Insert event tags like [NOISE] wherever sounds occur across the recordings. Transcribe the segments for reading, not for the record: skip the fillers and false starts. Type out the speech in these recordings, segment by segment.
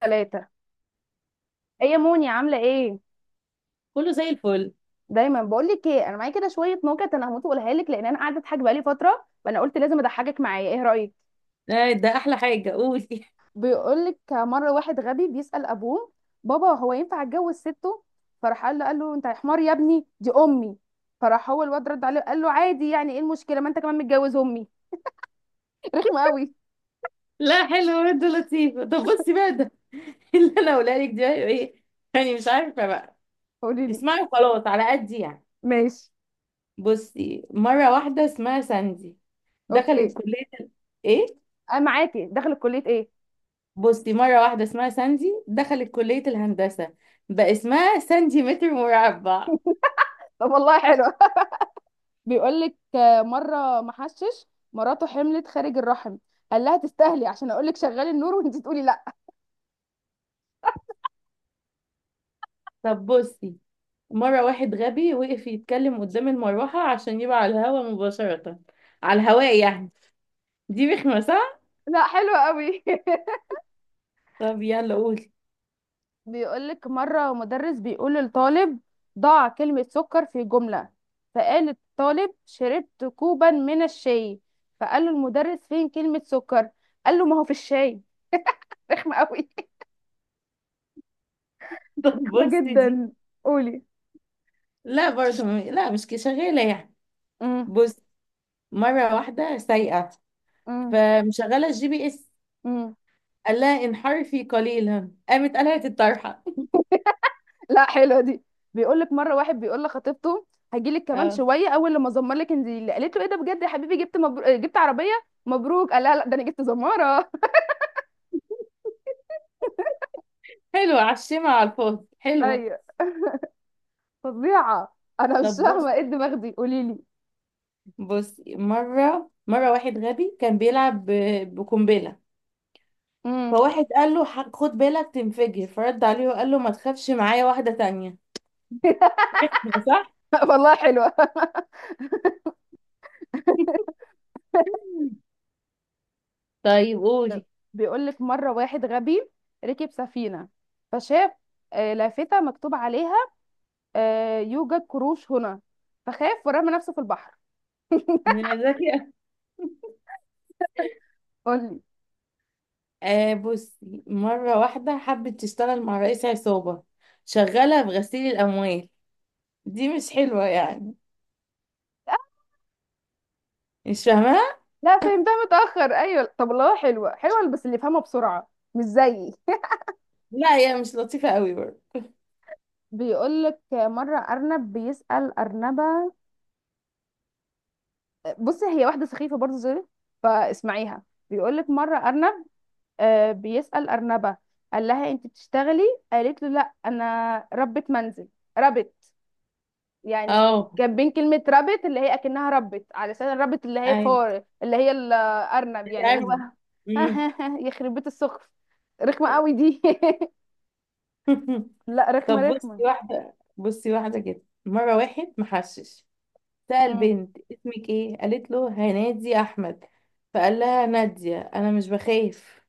ثلاثة. ايه يا موني، عاملة ايه؟ كله زي الفل. دايما بقول لك ايه، انا معايا كده شوية نكت، انا هموت واقولها لك لان انا قاعدة اضحك بقالي فترة، فانا قلت لازم اضحكك معايا. ايه رأيك؟ آه، ده احلى حاجه، قولي. [LAUGHS] بيقول لك مرة واحد غبي بيسأل ابوه: بابا، هو ينفع اتجوز سته؟ فراح قال له انت يا حمار يا ابني، دي امي. فراح هو الواد رد عليه قال له: عادي، يعني ايه المشكلة؟ ما انت كمان متجوز امي. [LAUGHS] رخمة قوي. لا حلو، انت لطيفه. طب بصي بقى ده. [LAUGHS] اللي انا هقولها لك ده ايه؟ يعني مش عارفه بقى. قولي لي. اسمعي، خلاص على قد يعني. ماشي. بصي، مره واحده اسمها ساندي دخلت اوكي. كليه ايه. انا معاكي، داخل كلية ايه؟ بصي، مره واحده اسمها ساندي دخلت كليه الهندسه، بقى اسمها ساندي متر مربع. طب والله حلو. بيقولك مرة محشش مراته حملت خارج الرحم، قال لها تستاهلي، عشان اقولك شغلي النور [LAUGHS] وانتي تقولي لا. طب بصي، مره واحد غبي وقف يتكلم قدام المروحه عشان يبقى على الهوا مباشره، على الهواء يعني. دي رخمه صح؟ لا حلو قوي. طب يلا قولي. [LAUGHS] بيقولك مرة مدرس بيقول للطالب: ضع كلمة سكر في جملة. فقال الطالب: شربت كوبا من الشاي. فقال له المدرس: فين كلمة سكر؟ قال له: ما هو في الشاي. رخمة قوي. [LAUGHS] طب [LAUGHS] رخمة بصي دي. جدا. قولي. لا برضه م- لا مش كده، شغاله يعني. امم. بص، مره واحده سايقه فمشغله الجي بي اس، امم. قال لها انحرفي قليلا، قامت قلعت الطرحه. لا حلوه دي. بيقول لك مره واحد بيقول لخطيبته: هجي لك [LAUGHS] كمان اه، شويه، اول لما ازمر لك انزلي. قالت له: ايه ده بجد يا حبيبي؟ جبت جبت عربيه؟ مبروك. قال لها: لا، ده انا جبت زماره. حلوه على الشمع على الفاضي، [LAUGHS] حلوه. ايوه. فظيعه، انا مش طب بص، فاهمه ايه الدماغ دي. قولي لي. بص مره واحد غبي كان بيلعب بقنبله، امم. فواحد قال له خد بالك تنفجر"، فرد عليه وقال له ما تخافش، معايا واحده تانية. [LAUGHS] صح. [LAUGHS] والله حلوه. طيب قولي. بيقول لك مره واحد غبي ركب سفينه، فشاف لافته مكتوب عليها يوجد قروش هنا، فخاف ورمى نفسه في البحر. ذكي. قولي. آه بصي، مرة واحدة حبت تشتغل مع رئيس عصابة، شغالة في غسيل الأموال. دي مش حلوة يعني؟ مش فاهمة؟ لا فهمتها متأخر. أيوة طب والله حلوة، حلوة بس اللي فهمها بسرعة، مش زيي. [LAUGHS] لا هي مش لطيفة قوي برضه. بيقولك مرة أرنب بيسأل أرنبة. بصي، هي واحدة سخيفة برضه، زي. فاسمعيها. بيقولك مرة أرنب بيسأل أرنبة، قال لها: أنت بتشتغلي؟ قالت له: لا، أنا ربة منزل. ربت. يعني اه. كان بين كلمة ربت اللي هي أكنها ربت، علشان الربت اللي هي ايوه. فار، اللي هي الأرنب، يعني اللي هو. تعبني. مم. [LAUGHS] يخرب بيت السخف، رخمة قوي دي. [LAUGHS] [LAUGHS] لا، رخمة طب بصي رخمة. واحدة، بصي واحدة كده، مرة واحد محشش سأل مم. بنت: اسمك ايه؟ قالت له هنادي أحمد، فقال لها: نادية أنا مش بخاف،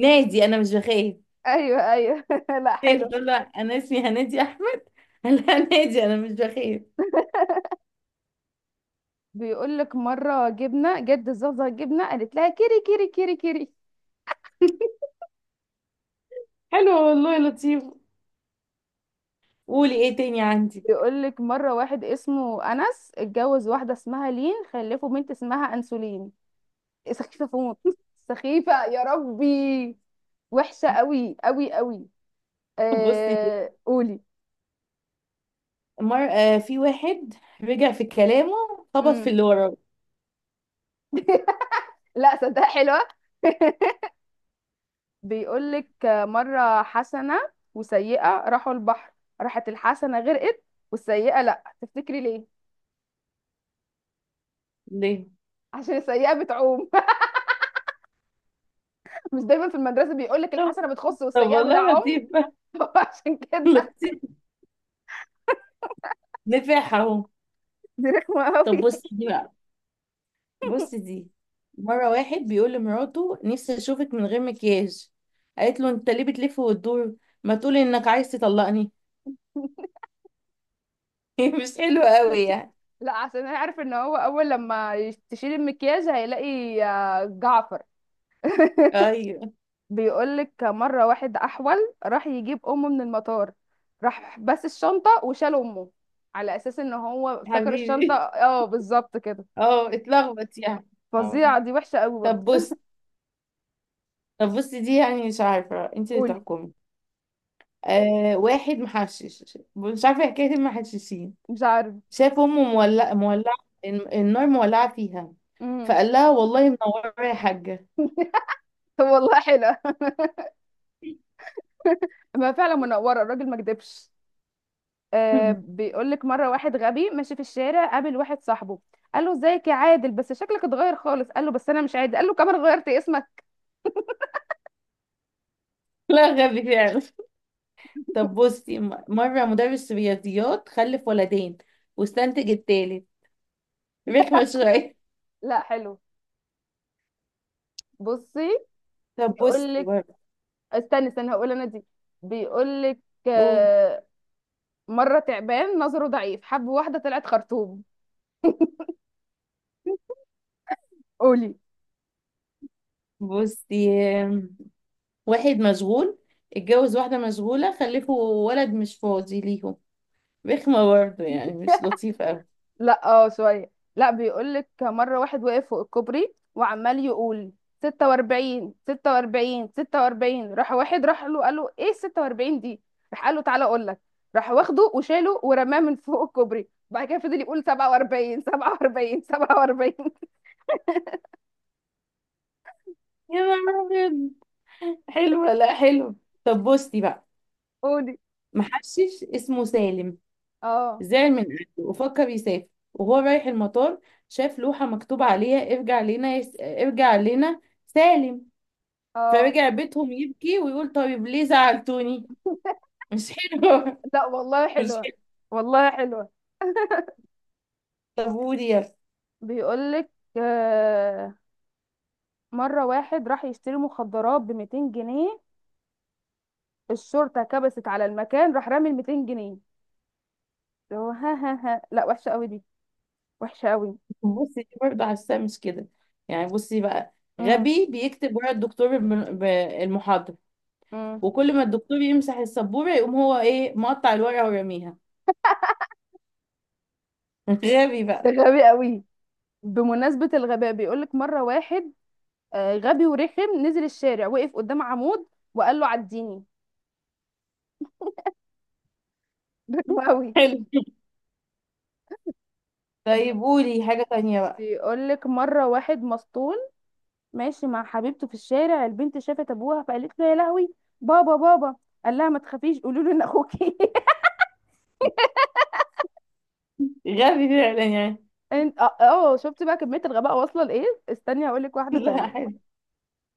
نادي أنا مش بخاف. ايوه ايوه. [LAUGHS] لا [LAUGHS] حلو. تقول له أنا اسمي هنادي أحمد، قال لها نادي أنا مش بخاف. بيقول لك مرة جبنة جد زازا جبنة قالت لها: كيري كيري كيري كيري. حلو والله، لطيف. قولي ايه تاني عندي. بيقول لك مرة واحد اسمه أنس اتجوز واحدة اسمها لين، خلفوا بنت اسمها أنسولين. سخيفة، فوت. [LAUGHS] سخيفة يا ربي. وحشة قوي قوي قوي. بصي دي، قولي. مر... آه في واحد رجع في كلامه، خبط في امم. اللي وراه. [LAUGHS] لا صدق حلوة. [LAUGHS] بيقولك مرة حسنة وسيئة راحوا البحر، راحت الحسنة غرقت، والسيئة لأ. تفتكري ليه؟ ليه؟ عشان السيئة بتعوم. [LAUGHS] مش دايما في المدرسة بيقولك طب، الحسنة بتخص طب والسيئة والله بتعوم. لطيف. [LAUGHS] هو عشان كده. [LAUGHS] لطيف، نفاح اهو. دي رخمة طب قوي. بصي دي بقى، بصي دي، مرة واحد بيقول لمراته: نفسي اشوفك من غير مكياج، قالت له: انت ليه بتلف وتدور، ما تقولي انك عايز تطلقني. [LAUGHS] [LAUGHS] مش حلو قوي يعني. لا عشان انا عارف ان هو اول لما تشيل المكياج هيلاقي جعفر. [LAUGHS] ايوه. بيقولك مرة واحد أحول راح يجيب أمه من المطار، راح بس الشنطة وشال أمه، على أساس إن هو افتكر الشنطة. حبيبي. اه بالظبط كده. اه اتلخبط يعني. اه. فظيعة دي، وحشة قوي برضه. طب بص، طب بصي دي يعني، مش عارفة، انت اللي قولي. تحكمي. آه واحد محشش، مش عارفة حكاية المحششين، مش عارف. شاف أمه مولعة مولعة، النار مولعة فيها، امم. فقال لها: والله منورة يا حاجة. [LAUGHS] والله حلوة. [LAUGHS] ما فعلا منورة، الراجل ما كدبش. [LAUGHS] بيقولك مرة واحد غبي ماشي في الشارع، قابل واحد صاحبه قال له: ازيك يا عادل؟ بس شكلك اتغير خالص. قال له: بس انا مش عادل. قال له: كمان غيرت اسمك. لا غبي فعلا. طب بصي مرة مدرس رياضيات خلف ولدين، واستنتج التالت. رخمة شوية. لا حلو. بصي. طب بصي بيقولك، برضه. استنى استنى، هقول انا دي. بيقول لك قول. آه، مره تعبان نظره ضعيف حب واحده طلعت خرطوم. قولي. بصي، آم، واحد مشغول اتجوز واحدة مشغولة، خلفوا ولد مش فاضي ليهم. رخمة برضه يعني، مش لطيفة أوي. لا اه شويه. لا، بيقول لك مره واحد وقف فوق الكوبري وعمال يقول: 46 46 46. راح واحد راح له قال له: ايه 46 دي؟ راح قال له: تعالى اقول لك. راح واخده وشاله ورماه من فوق الكوبري، بعد كده فضل يقول: 47 47 47. يا نهار أبيض، حلوة، لا حلو. طب بصي بقى، قولي. محشش اسمه سالم اه زعل من أهله وفكر يسافر، وهو رايح المطار شاف لوحة مكتوب عليها: ارجع لنا ارجع لنا سالم، اه. فرجع بيتهم يبكي ويقول: طيب ليه زعلتوني؟ [LAUGHS] مش حلوة، لا والله [LAUGHS] مش حلوه، حلوة. والله حلوه. طب قولي يلا. بيقولك آه، مرة واحد راح يشتري مخدرات ب 200 جنيه، الشرطة كبست على المكان راح رامي ال 200 جنيه اللي هو. ها ها ها. لا وحشة قوي دي، وحشة قوي. بصي دي برضه، حاساه مش كده يعني. بصي بقى، امم. غبي بيكتب ورا الدكتور المحاضرة، امم. وكل ما الدكتور يمسح السبورة يقوم هو ايه، مقطع الورقة ورميها. [LAUGHS] غبي ده بقى. غبي قوي. بمناسبة الغباء، بيقولك مرة واحد غبي ورخم نزل الشارع وقف قدام عمود وقال له: عديني. [LAUGHS] ده غبي قوي. حلو. طيب قولي حاجة تانية بقى. بيقولك مرة واحد مسطول ماشي مع حبيبته في الشارع، البنت شافت ابوها فقالت له: يا لهوي، بابا بابا. قال لها: ما تخافيش، قولوا له ان اخوكي. [LAUGHS] غبي فعلا يعني. انت اه. شفت بقى كمية الغباء واصلة لايه؟ استني هقول لك [LAUGHS] واحدة لا تانية. حلو،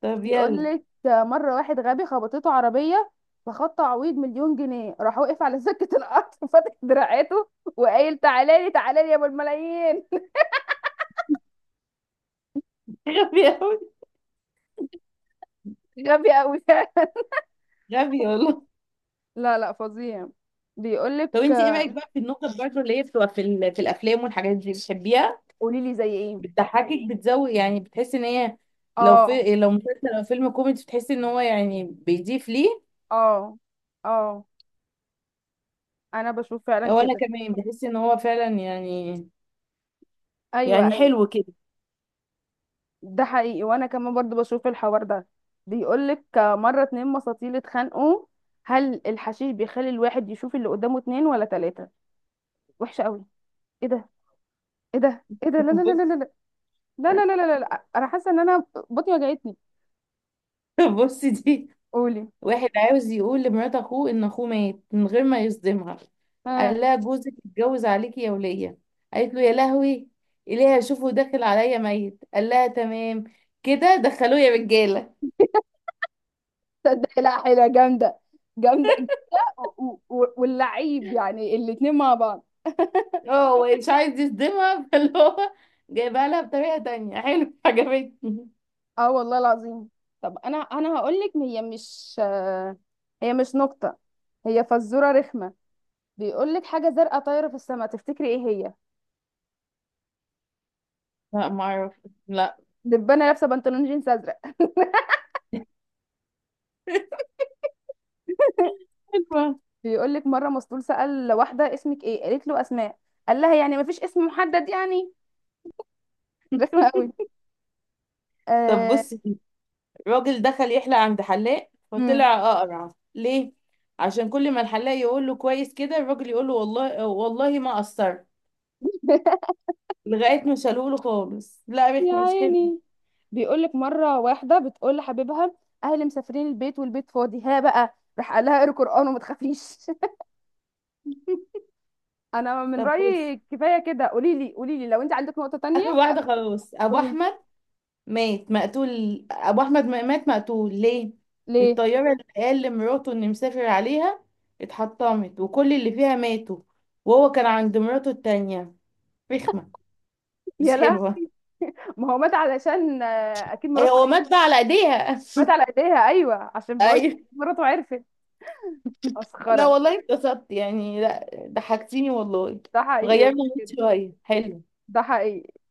طب يقول يلا. لك مرة واحد غبي خبطته عربية، فخد تعويض مليون جنيه، راح وقف على سكة القطر [LAUGHS] وفتح دراعاته، وقايل: تعالى لي تعالى لي يا ابو الملايين. [LAUGHS] [LAUGHS] غبي أوي، غبي قوي. [LAUGHS] غبي والله. لا لا فظيع. بيقول لك. طب انت ايه رأيك بقى في النكت برضه اللي هي بتبقى في الافلام والحاجات دي، بتحبيها؟ قولي لي زي ايه. بتضحكك، بتزود يعني، بتحسي ان هي، لو اه. في، لو مسلسل او فيلم كوميدي، بتحسي ان هو يعني بيضيف ليه؟ اه. اه. انا بشوف فعلا او انا كده. كمان بحس ان هو فعلا يعني، ايوه يعني ايوه. حلو كده. ده حقيقي، وانا كمان برضو بشوف الحوار ده. بيقولك مره اتنين مساطيل اتخانقوا: هل الحشيش بيخلي الواحد يشوف اللي قدامه اتنين ولا تلاته؟ وحشه قوي. ايه ده، ايه ده، ايه ده، [LAUGHS] لا لا لا لا بص- لا. لا لا لا لا لا لا. انا حاسه ان انا بطني وجعتني. بصي دي، قولي. واحد عاوز يقول لمرات اخوه ان اخوه مات من غير ما يصدمها، قال اه. لها: جوزك اتجوز عليكي يا ولية، قالت له: يا لهوي، إليها شوفه داخل عليا ميت، قال لها: تمام كده، دخلوه يا رجالة. تصدقي، لا حلوه جامده، جامده. واللعيب يعني الاتنين مع بعض. [LAUGHS] اه هو مش عايز يصدمها، [LAUGHS] فاللي هو جايبها لها بطريقة تانية. حلو، عجبتني. اه والله العظيم. طب انا هقولك، هي مش هي مش نكته، هي فزوره رخمه. بيقول لك: حاجه زرقاء طايره في السماء، تفتكري ايه هي؟ لا معرف، لا. دبانه لابسه بنطلون جينز ازرق. [LAUGHS] حلوة. بيقول لك مره مسطول سال واحده: اسمك ايه؟ قالت له: اسماء. قال لها: يعني مفيش اسم محدد يعني؟ رخمه قوي. طب آه... بصي، راجل دخل يحلق عند حلاق مم. فطلع اقرع. ليه؟ عشان كل ما الحلاق يقول له كويس كده، الراجل يقول له: والله والله ما قصرت، [LAUGHS] لغايه ما شالوه له خالص. لا يا رخم، مش حلو. عيني. بيقول لك مره واحده بتقول لحبيبها: اهلي مسافرين البيت والبيت فاضي، ها بقى. راح قال لها: اقري قران وما تخافيش. [LAUGHS] انا من طب بص، رايي كفايه كده، قولي لي قولي لي لو انت عندك نقطه تانية. اخر واحده خلاص. ابو قولي لي. احمد مات مقتول، ابو احمد مات مقتول. ليه؟ ليه؟ الطياره اللي قال لمراته ان مسافر عليها اتحطمت، وكل اللي فيها ماتوا، وهو كان عند مراته التانية. رخمه، مش يلا. حلوه. ما هو مات علشان اكيد أي هو مراته، مات بقى على ايديها. [LAUGHS] مات على ايديها. ايوه عشان بقول لك ايوه. مراته عرفت. لا مسخره. والله اتبسطت يعني، لا ضحكتيني والله. ده حقيقي. غيرنا المود بجد، شوية، حلو. ده حقيقي.